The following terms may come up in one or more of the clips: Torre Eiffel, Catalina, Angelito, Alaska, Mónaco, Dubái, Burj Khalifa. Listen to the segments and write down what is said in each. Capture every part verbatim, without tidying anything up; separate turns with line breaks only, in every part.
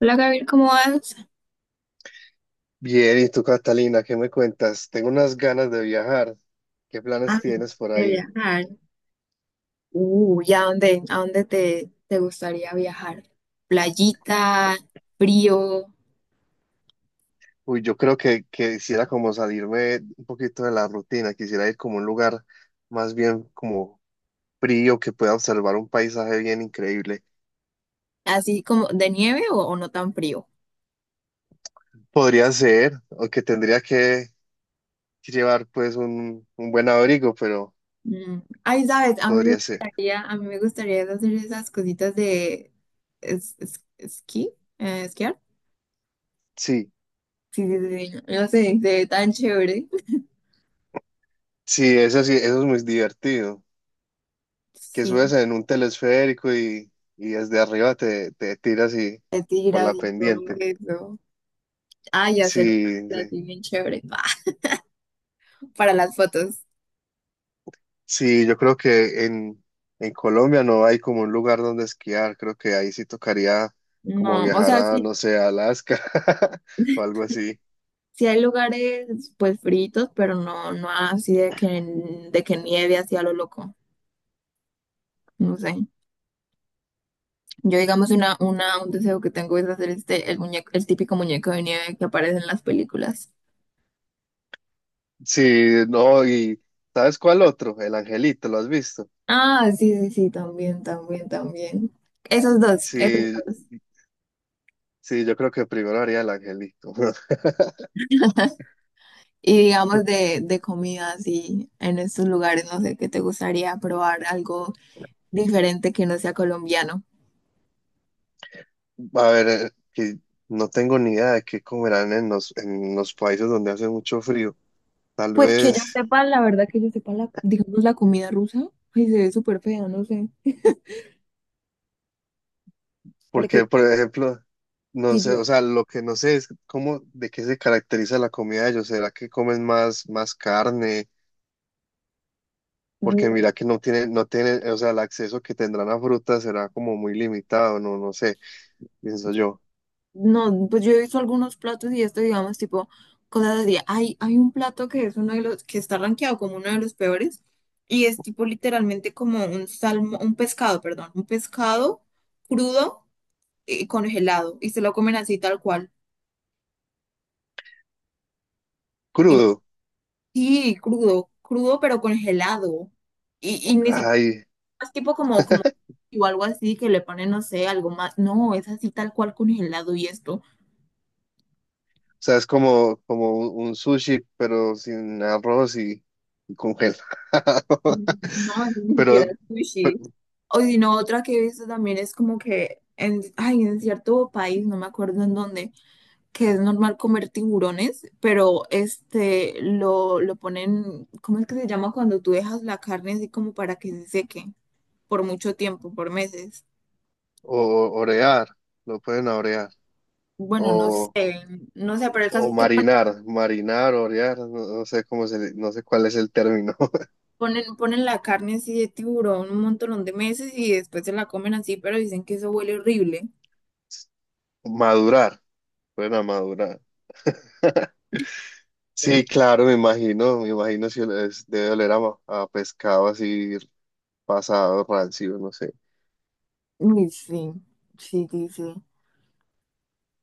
Hola Gabriel, ¿cómo vas?
Bien, ¿y tú, Catalina, qué me cuentas? Tengo unas ganas de viajar. ¿Qué planes
Ay,
tienes por
de
ahí?
viajar. Uh, ¿y a dónde, a dónde te, te gustaría viajar? ¿Playita, frío,
Uy, yo creo que, que quisiera como salirme un poquito de la rutina, quisiera ir como a un lugar más bien como frío, que pueda observar un paisaje bien increíble.
así como de nieve o, o no tan frío?
Podría ser, o que tendría que llevar pues un, un buen abrigo, pero
Mm, ay, sabes, a mí me
podría ser.
gustaría, a mí me gustaría hacer esas cositas de es- es- esquí, eh, esquiar.
Sí,
Sí, sí, sí, sí, no sé, se ve tan chévere.
sí, eso sí, eso es muy divertido, que
Sí,
subes en un telesférico y, y desde arriba te, te tiras y
de
por
tiras
la
y todo
pendiente.
eso. Ay, hacer un
Sí,
plan
sí,
así bien chévere. Para las fotos.
sí, yo creo que en, en Colombia no hay como un lugar donde esquiar, creo que ahí sí tocaría como
No, o
viajar
sea,
a,
sí.
no sé, a Alaska o algo así.
Sí hay lugares pues fritos, pero no, no así de que, de que nieve así a lo loco. No sé. Yo digamos una, una, un deseo que tengo es hacer este, el muñeco, el típico muñeco de nieve que aparece en las películas.
Sí, no, y ¿sabes cuál otro? El Angelito, ¿lo has visto?
Ah, sí, sí, sí, también, también, también. Esos dos, esos
Sí,
dos.
sí, yo creo que primero haría el Angelito.
Y digamos de, de comida así en estos lugares, no sé, qué te gustaría probar algo diferente que no sea colombiano.
A ver, eh, que no tengo ni idea de qué comerán en los, en los países donde hace mucho frío. Tal
Pues que yo
vez.
sepa, la verdad que yo sepa la, digamos, la comida rusa, ay, se ve súper fea, no sé. Porque
Porque, por ejemplo, no
si
sé,
yo,
o sea, lo que no sé es cómo, de qué se caracteriza la comida de ellos. ¿Será que comen más, más carne? Porque
mm,
mira que no tienen, no tienen, o sea, el acceso que tendrán a frutas será como muy limitado, no, no sé, pienso yo.
no, pues yo he visto algunos platos y esto, digamos, tipo, cosas así. Hay, hay un plato que es uno de los, que está rankeado como uno de los peores, y es tipo literalmente como un salmo, un pescado, perdón, un pescado crudo y congelado, y se lo comen así tal cual. Ima-
Crudo.
Sí, crudo, crudo pero congelado. Y, y ni siquiera
Ay, o
es tipo como, como, o algo así que le ponen, no sé, algo más. No, es así tal cual congelado y esto.
sea, es como, como un un sushi, pero sin arroz y, y congelado.
No, ni siquiera
Pero,
sushi. O si no, otra que he visto también es como que en, ay, en cierto país, no me acuerdo en dónde, que es normal comer tiburones, pero este lo, lo ponen, ¿cómo es que se llama cuando tú dejas la carne así como para que se seque por mucho tiempo, por meses?
o, orear, lo pueden orear.
Bueno, no
O
sé, no sé, pero el caso
O
es que
marinar, marinar, orear, no, no sé cómo se, no sé cuál es el término.
ponen, ponen la carne así de tiburón un montón de meses y después se la comen así, pero dicen que eso huele horrible.
Madurar, bueno madurar.
Eh,
Sí, claro, me imagino, me imagino si es- debe oler a, ma- a pescado así pasado, rancio, no sé.
Uy, sí, sí, sí, sí.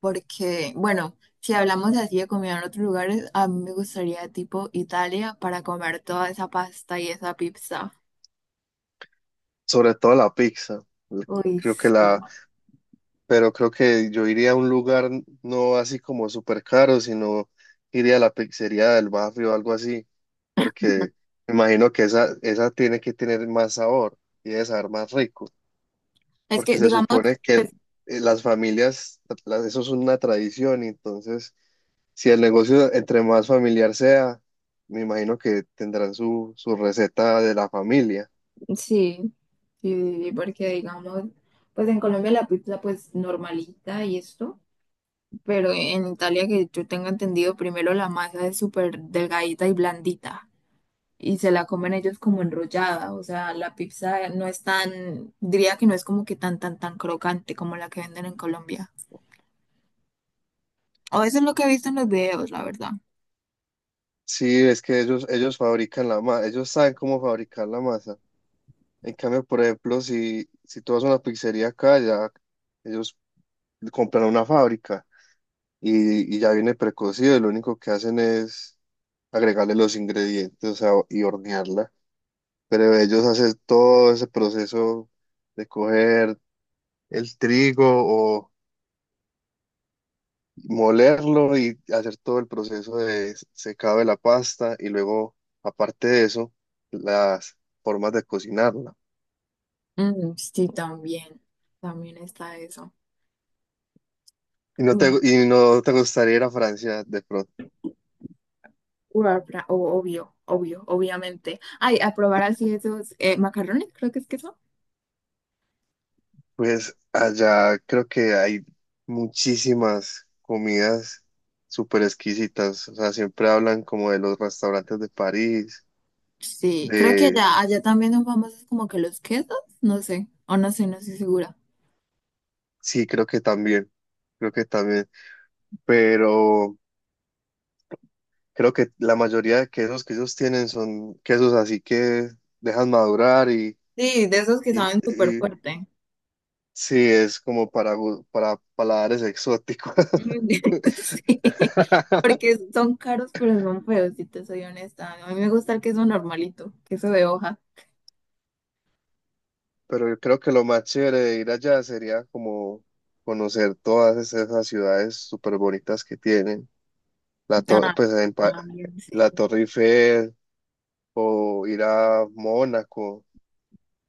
Porque, bueno, si hablamos así de comida en otros lugares, a mí me gustaría tipo Italia para comer toda esa pasta y esa pizza.
Sobre todo la pizza.
Uy,
Creo que
sí.
la, pero creo que yo iría a un lugar no así como súper caro, sino iría a la pizzería del barrio o algo así, porque me imagino que esa, esa tiene que tener más sabor y debe saber más rico.
Es
Porque
que,
se
digamos,
supone que el- eh, las familias, las- eso es una tradición, y entonces si el negocio entre más familiar sea, me imagino que tendrán su, su receta de la familia.
sí, sí, sí, porque digamos, pues en Colombia la pizza pues normalita y esto, pero en Italia que yo tengo entendido, primero la masa es súper delgadita y blandita. Y se la comen ellos como enrollada, o sea, la pizza no es tan, diría que no es como que tan, tan, tan crocante como la que venden en Colombia. O eso es lo que he visto en los videos, la verdad.
Sí, es que ellos, ellos fabrican la masa, ellos saben cómo fabricar la masa. En cambio, por ejemplo, si, si tú vas a una pizzería acá, ya ellos compran una fábrica y, y ya viene precocido, y lo único que hacen es agregarle los ingredientes, o sea, y hornearla. Pero ellos hacen todo ese proceso de coger el trigo o molerlo y hacer todo el proceso de secado de la pasta y luego, aparte de eso, las formas de cocinarla.
Mm, sí, también, también está eso.
Y no te,
Mm,
y no te gustaría ir a Francia de pronto.
bueno, pra- o- obvio, obvio, obviamente. Ay, a probar así esos eh, macarrones, creo que es queso.
Pues allá creo que hay muchísimas comidas súper exquisitas. O sea, siempre hablan como de los restaurantes de París,
Sí, creo que
de...
allá, allá también son famosos como que los quesos, no sé, o no sé, no estoy segura.
Sí, creo que también. Creo que también. Pero creo que la mayoría de quesos que ellos tienen son quesos así que dejan madurar y,
Sí, de esos que
y,
saben súper
y
fuerte.
sí, es como para, gu- para paladares exóticos.
Mm, sí, porque son caros, pero son feos, si te soy honesta. A mí me gusta el queso normalito, queso de hoja.
Pero yo creo que lo más chévere de ir allá sería como conocer todas es- esas ciudades súper bonitas que tienen. La, to-
Ah,
pues, en Pa-
también, sí.
la Torre Eiffel o ir a Mónaco,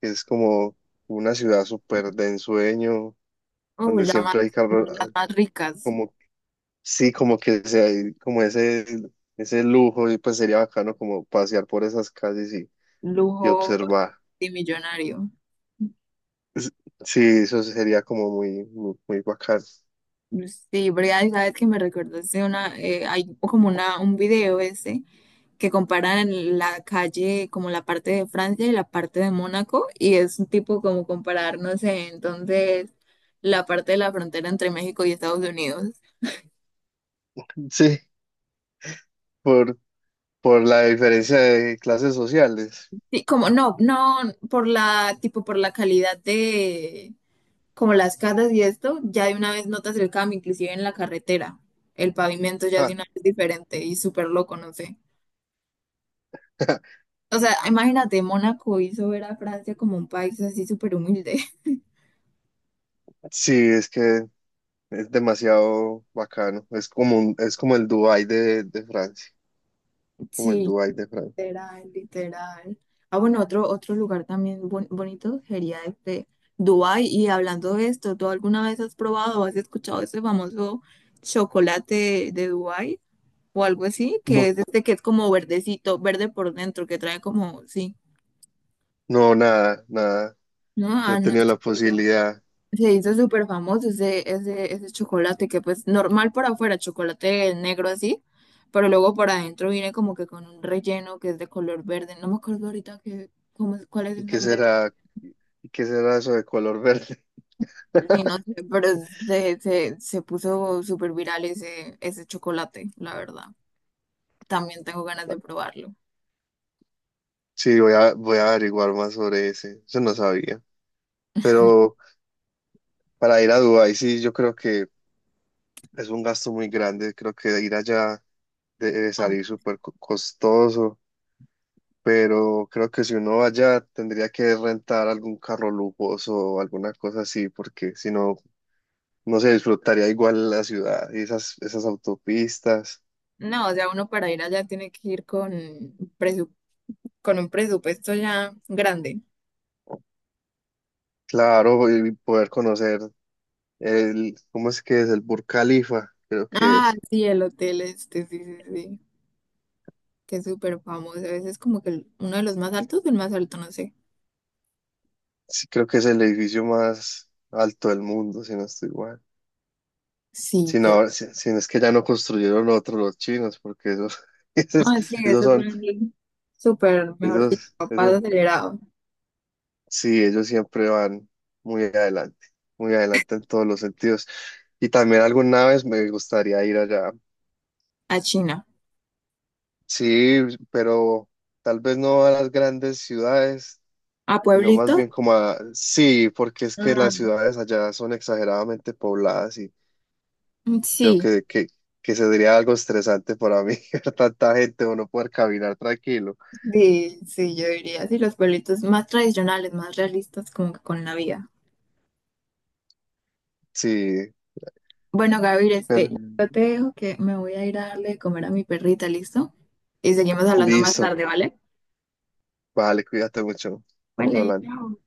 que es como una ciudad súper de ensueño,
Oh,
donde
la más,
siempre hay carros,
las más ricas,
como, sí, como que se hay como ese, ese lujo y pues sería bacano como pasear por esas calles y, y
lujo
observar.
de millonario.
S- Sí, eso sería como muy, muy, muy bacano.
Sí, Brea, y sabes que me recordaste una, eh, hay como una, un video ese que comparan la calle, como la parte de Francia y la parte de Mónaco, y es un tipo como comparar, no sé, entonces la parte de la frontera entre México y Estados Unidos.
Sí, por, por la diferencia de clases sociales.
Sí, como no, no, por la, tipo por la calidad de, como las casas y esto, ya de una vez notas el cambio, inclusive en la carretera. El pavimento ya es de
Ah,
una vez diferente y súper loco, no sé. O sea, imagínate, Mónaco hizo ver a Francia como un país así súper humilde.
sí, es que es demasiado bacano. Es como un- es como el Dubái de, de Francia, como el
Sí,
Dubái de Francia.
literal, literal. Ah, bueno, otro, otro lugar también bon- bonito sería este Dubái. Y hablando de esto, ¿tú alguna vez has probado o has escuchado ese famoso chocolate de Dubái o algo así? Que
No,
es este que es como verdecito, verde por dentro, que trae como, sí.
no, nada, nada.
No,
No he
ah, no, es
tenido
que
la
se hizo
posibilidad.
se hizo súper famoso ese, ese, ese chocolate que pues normal por afuera, chocolate negro así, pero luego por adentro viene como que con un relleno que es de color verde. No me acuerdo ahorita que, cómo es- cuál es
¿Y
el
qué
nombre,
será? ¿Y qué será eso de color verde?
sí, no sé, pero es se, se puso súper viral ese, ese chocolate, la verdad. También tengo ganas de probarlo.
Sí, voy a, voy a averiguar más sobre ese. Eso no sabía. Pero para ir a Dubái, sí, yo creo que es un gasto muy grande. Creo que ir allá debe
Ah,
salir súper co- costoso. Pero creo que si uno va allá, tendría que rentar algún carro lujoso o alguna cosa así, porque si no, no se disfrutaría igual la ciudad y esas, esas autopistas.
no, no, o sea, uno para ir allá tiene que ir con, presu- con un presupuesto ya grande.
Claro, y poder conocer el, ¿cómo es que es? El Burj Khalifa, creo que
Ah,
es.
sí, el hotel este, sí, sí, sí. Que es súper famoso. Ese es como que el- uno de los más altos, el más alto, no sé.
Sí, creo que es el edificio más alto del mundo, si no estoy mal.
Sí,
Si
pero...
no, si, si no es que ya no construyeron otro los chinos, porque esos, esos,
No, sí,
esos
ese es
son,
un súper, mejor dicho,
esos,
paso
esos,
acelerado
sí, ellos siempre van muy adelante, muy adelante en todos los sentidos. Y también alguna vez me gustaría ir allá.
a China.
Sí, pero tal vez no a las grandes ciudades,
¿A
sino
pueblito?
más bien como a, sí, porque es que las
Mm,
ciudades allá son exageradamente pobladas. Creo
sí,
que, que, que sería algo estresante para mí, ver tanta gente o no poder caminar tranquilo.
sí, sí, yo diría, sí, los pueblitos más tradicionales, más realistas como que con la vida.
Sí,
Bueno, Gabriel, este,
pero
yo te dejo que me voy a ir a darle de comer a mi perrita, ¿listo? Y seguimos hablando más
listo.
tarde, ¿vale?
Vale, cuídate mucho. Estamos
Vale,
hablando.
chao.